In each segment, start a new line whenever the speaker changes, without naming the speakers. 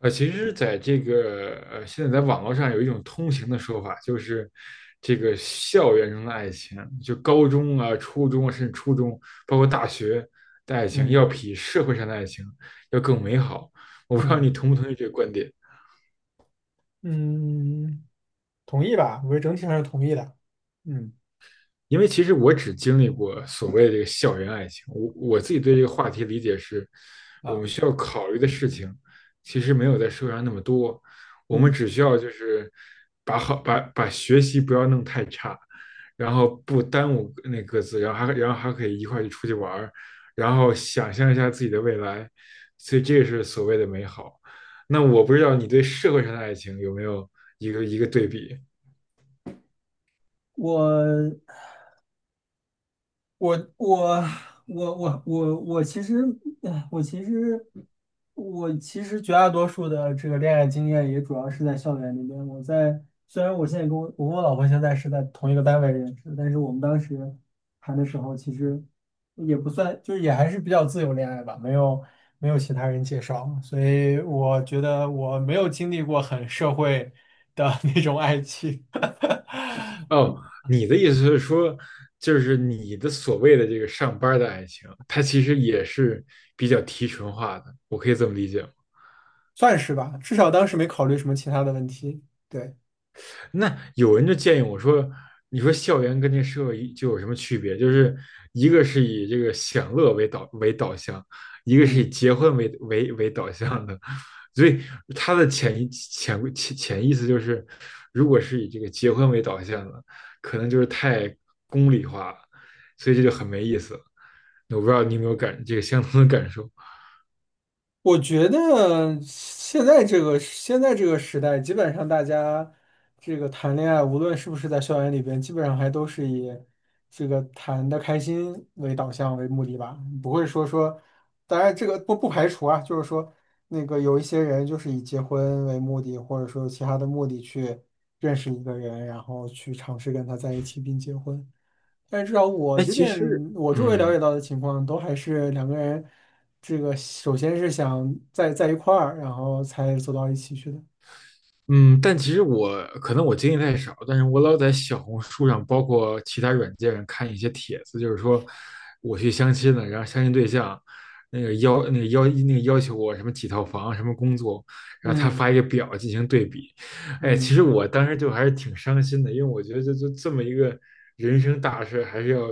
其实，在这个现在在网络上有一种通行的说法，就是这个校园中的爱情，就高中啊、初中啊，甚至初中，包括大学的爱情，要
嗯
比社会上的爱情要更美好。我不知道
嗯
你同不同意这个观点。
嗯，嗯同意吧？我觉得整体上是同意的。嗯。
因为其实我只经历过所谓的这个校园爱情，我自己对这个话题理解是，我
啊，
们需要考虑的事情其实没有在社会上那么多，我们
嗯，
只需要就是把好把把学习不要弄太差，然后不耽误那各自，然后还可以一块去出去玩儿，然后想象一下自己的未来，所以这个是所谓的美好。那我不知道你对社会上的爱情有没有一个对比？
我我我我其实，我其实，我其实绝大多数的这个恋爱经验也主要是在校园里边。我在虽然我现在跟我跟我老婆现在是在同一个单位认识，但是我们当时谈的时候，其实也不算，就是也还是比较自由恋爱吧，没有其他人介绍，所以我觉得我没有经历过很社会的 那种爱情。
哦，你的意思是说，就是你的所谓的这个上班儿的爱情，它其实也是比较提纯化的，我可以这么理解吗？
算是吧，至少当时没考虑什么其他的问题。对。
那有人就建议我说，你说校园跟这社会就有什么区别？就是一个是以这个享乐为导向，一个是以
嗯，
结婚为导向的，所以他的潜意思就是，如果是以这个结婚为导向的，可能就是太功利化了，所以这就很没意思。我不知道你有没有这个相同的感受。
我觉得现在这个时代，基本上大家这个谈恋爱，无论是不是在校园里边，基本上还都是以这个谈的开心为导向为目的吧，不会说说，当然这个不排除啊，就是说那个有一些人就是以结婚为目的，或者说有其他的目的去认识一个人，然后去尝试跟他在一起并结婚。但是至少我
哎，
这
其
边
实，
我周围了解
嗯
到的情况，都还是两个人，这个首先是想在一块儿，然后才走到一起去的。
嗯，但其实我可能我经历太少，但是我老在小红书上，包括其他软件上看一些帖子，就是说我去相亲了，然后相亲对象那个要那个要那个要求我什么几套房、什么工作，然后他
嗯。
发一个表进行对比。哎，其实
嗯，
我当时就还是挺伤心的，因为我觉得就这么一个人生大事，还是要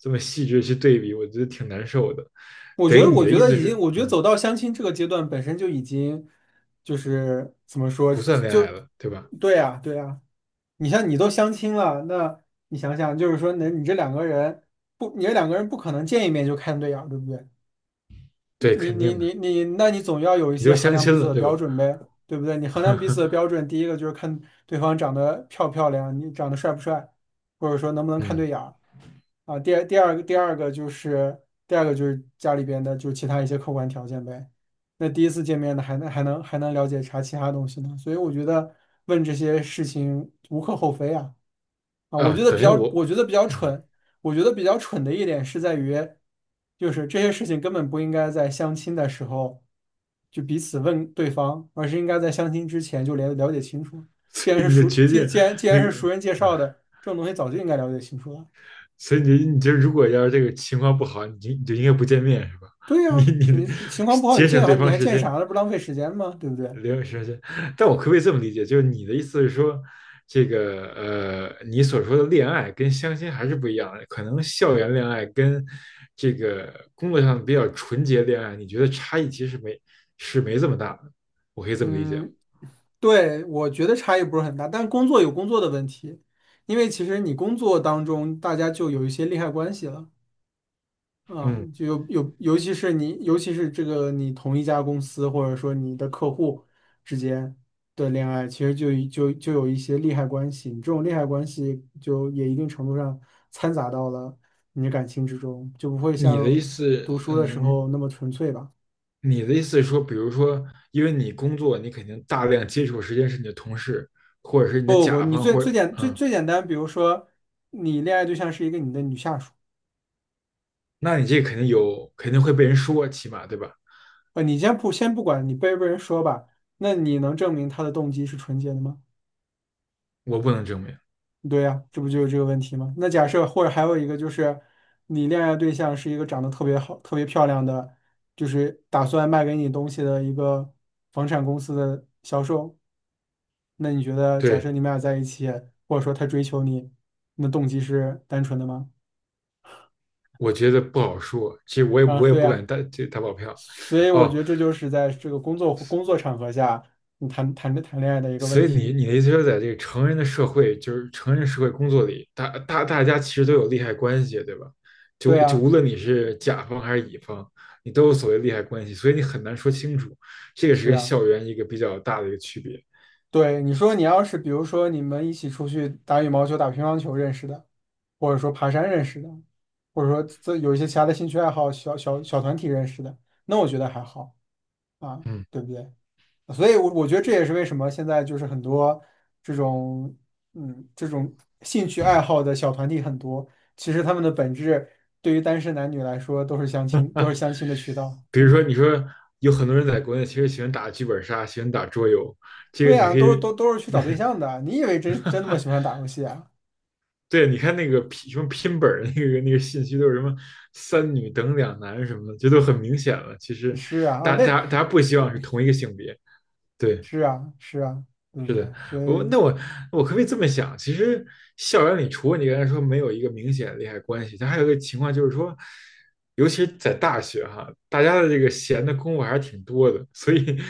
这么细致去对比，我觉得挺难受的。等于你的意思是，
我觉得
嗯。
走到相亲这个阶段本身就已经就是怎么说，
不算恋爱
就
了，对吧？
对呀对呀。你像你都相亲了，那你想想，就是说，那你这两个人不，你这两个人不可能见一面就看对眼儿，对不对？
对，
你
肯
你
定的，
你你，那你总要有一
你
些
都
衡
相
量彼
亲
此
了，
的
对
标
吧？
准呗，对不对？你衡量彼此的标 准，第一个就是看对方长得漂不漂亮，你长得帅不帅，或者说能不能看
嗯，
对眼儿啊。第二个就是家里边的就是其他一些客观条件呗。那第一次见面呢，还能了解啥其他东西呢？所以我觉得问这些事情无可厚非啊。啊，
啊，等于我，
我觉得比较
嗯，
蠢，我觉得比较蠢的一点是在于，就是这些事情根本不应该在相亲的时候就彼此问对方，而是应该在相亲之前就了解清楚。
所以你就决定
既然
那
是
个，
熟人介
嗯
绍的，这种东西早就应该了解清楚了。
所以你就如果要是这个情况不好，你就应该不见面是吧？
对
你
呀，
你
你
得
情况不好，
节省对
你
方
还
时
见
间。
啥了？不浪费时间吗？对不对？
留老时间但我可不可以这么理解？就是你的意思是说，这个你所说的恋爱跟相亲还是不一样的，可能校园恋爱跟这个工作上比较纯洁恋爱，你觉得差异其实没是没这么大的，我可以这么理解吗？
嗯。对，我觉得差异不是很大，但工作有工作的问题，因为其实你工作当中大家就有一些利害关系了。啊，
嗯，
就有有，尤其是你，尤其是这个你同一家公司或者说你的客户之间的恋爱，其实就有一些利害关系，你这种利害关系就也一定程度上掺杂到了你的感情之中，就不会
你的意
像
思，
读书的时
嗯，
候那么纯粹吧？
你的意思是说，比如说，因为你工作，你肯定大量接触的时间是你的同事，或者是你的
不不不，
甲
你
方，或者
最
嗯，
最简单，比如说你恋爱对象是一个你的女下属，
那你这肯定有，肯定会被人说，起码对吧？
你先不管你被不被人说吧，那你能证明他的动机是纯洁的吗？
我不能证明。
对呀，这不就是这个问题吗？那假设或者还有一个就是，你恋爱对象是一个长得特别好、特别漂亮的，就是打算卖给你东西的一个房产公司的销售，那你觉得，假设
对，
你们俩在一起，或者说他追求你，那动机是单纯的吗？
我觉得不好说，其实我也
啊，
我也
对
不敢
呀，
打这打保票，
所以我
哦，
觉得这就是在这个工作场合下，你谈恋爱的一个
所
问
以你
题。
你的意思说，在这个成人的社会，就是成人社会工作里，大家其实都有利害关系，对吧？
对
就
呀。
无论你是甲方还是乙方，你都有所谓利害关系，所以你很难说清楚，这个是
是
跟
啊。
校园一个比较大的一个区别。
对，你说你要是比如说你们一起出去打羽毛球、打乒乓球认识的，或者说爬山认识的，或者说这有一些其他的兴趣爱好、小团体认识的，那我觉得还好啊，
嗯，
对不对？所以我觉得这也是为什么现在就是很多这种这种兴趣爱好的小团体很多，其实他们的本质对于单身男女来说都是相亲，都是相亲的渠道。
比如
嗯。
说你说有很多人在国内其实喜欢打剧本杀，喜欢打桌游，这个
对
你
呀，
可以，
都是去找对 象的啊。你以为真那么喜欢打游戏啊？
对，你看那个拼什么拼本儿那个信息都是什么三女等两男什么的，这都很明显了。其实
是啊啊，
大家
那。
大家大家不希望是同一个性别，对。
是啊，是啊，对
是
不
的，
对？所
我
以，
那我我可不可以这么想？其实校园里，除了你刚才说没有一个明显的利害关系，它还有一个情况就是说，尤其是在大学哈，大家的这个闲的功夫还是挺多的，所以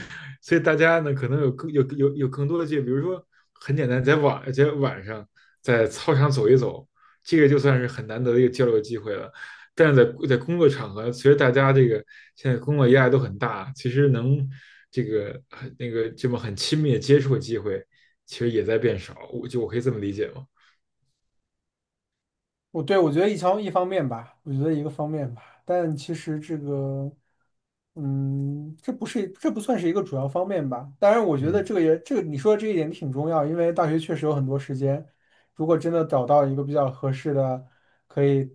所以大家呢可能有更多的这，比如说很简单，在晚上在操场走一走，这个就算是很难得的一个交流机会了。但是在工作场合，其实大家这个现在工作压力都很大，其实能这个那个这么很亲密的接触的机会，其实也在变少。我就我可以这么理解吗？
我觉得一方面吧，我觉得一个方面吧，但其实这个，嗯，这不算是一个主要方面吧。当然，我觉得
嗯，
这个也这个你说的这一点挺重要，因为大学确实有很多时间，如果真的找到一个比较合适的，可以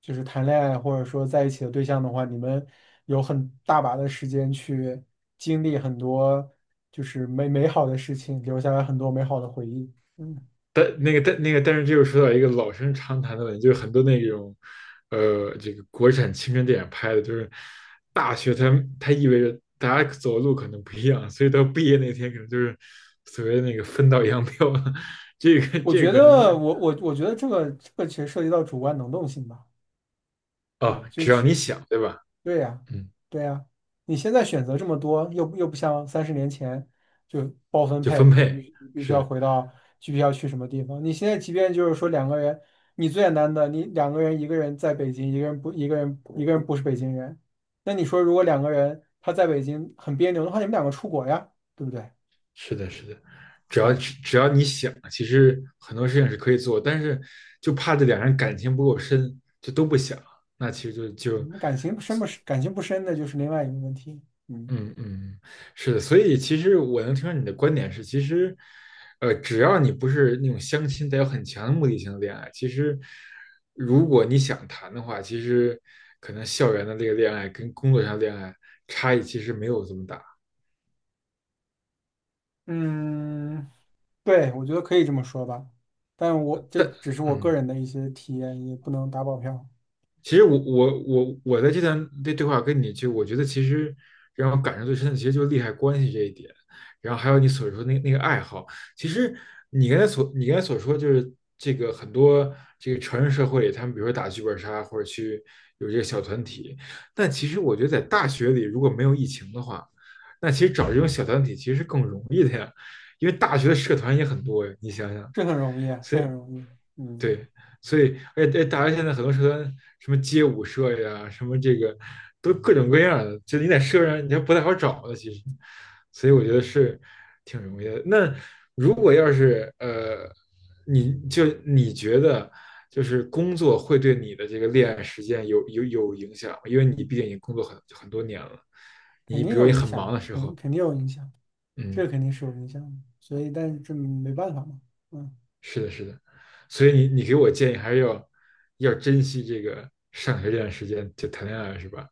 就是谈恋爱或者说在一起的对象的话，你们有很大把的时间去经历很多就是美好的事情，留下来很多美好的回忆。嗯。
但那个但是这又说到一个老生常谈的问题，就是很多那种这个国产青春电影拍的，就是大学它意味着大家走的路可能不一样，所以到毕业那天可能就是所谓的那个分道扬镳了。这个这个可能跟
我觉得这个其实涉及到主观能动性吧，
哦，
啊，就
只要
是
你想，对吧？
对呀，
嗯。
对呀，你现在选择这么多，又不像30年前就包分
就
配，
分
你
配
你必须要
是
回到具体要去什么地方。你现在即便就是说两个人，你最简单的，你两个人一个人在北京，一个人不是北京人，那你说如果两个人他在北京很别扭的话，你们两个出国呀，对不对
是的，是的，只要
啊？
只要你想，其实很多事情是可以做，但是就怕这两人感情不够深，就都不想，那其实就就
你感情深不深，感情不深的就是另外一个问题，嗯。
嗯嗯是的，所以其实我能听出你的观点是，其实只要你不是那种相亲带有很强的目的性的恋爱，其实如果你想谈的话，其实可能校园的这个恋爱跟工作上恋爱差异其实没有这么大，
嗯，对，我觉得可以这么说吧，但我这只是我个
嗯。
人的一些体验，也不能打保票。
其实我在这段对话跟你就，我觉得其实让我感受最深的，其实就是利害关系这一点，然后还有你所说那那个爱好。其实你刚才所说就是这个很多这个成人社会里，他们比如说打剧本杀或者去有这个小团体，但其实我觉得在大学里如果没有疫情的话，那其实找这种小团体其实是更容易的呀，因为大学的社团也很多呀，你想想。
是很容易啊，
所
是
以。
很容易。嗯，
对，所以而且大家现在很多社团，什么街舞社呀，什么这个，都各种各样的，就你在社上你还不太好找的，其实，所以我觉得是挺容易的。那如果要是你就你觉得就是工作会对你的这个恋爱时间有影响吗因为你毕竟已经工作很多年了，
肯
你
定
比如
有
你
影
很忙的
响，
时候，
肯定有影响，这
嗯
个肯定是有影响的，所以但是这没办法嘛，嗯。
是的，是的，所以你你给我建议还是要珍惜这个上学这段时间，就谈恋爱是吧？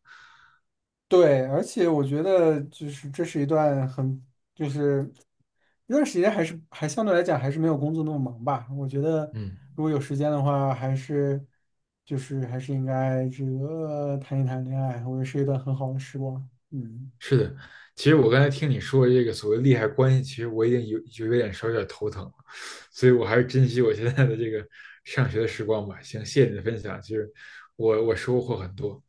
对，而且我觉得就是这是一段很，就是一段时间还是还相对来讲还是没有工作那么忙吧。我觉得
嗯，
如果有时间的话，还是应该这个谈一谈恋爱，我觉得是一段很好的时光。嗯。
是的。其实我刚才听你说这个所谓利害关系，其实我已经有点稍微有点头疼了，所以我还是珍惜我现在的这个上学的时光吧。行，谢谢你的分享，其实我收获很多。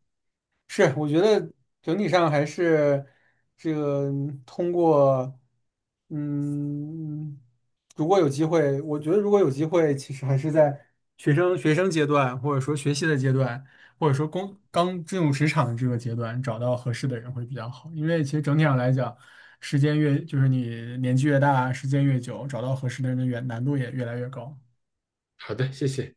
是，我觉得整体上还是这个通过，嗯，如果有机会，我觉得如果有机会，其实还是在学生阶段，或者说学习的阶段，或者说工刚进入职场的这个阶段，找到合适的人会比较好。因为其实整体上来讲，时间越就是你年纪越大，时间越久，找到合适的人的越难度也越来越高。
好的，谢谢。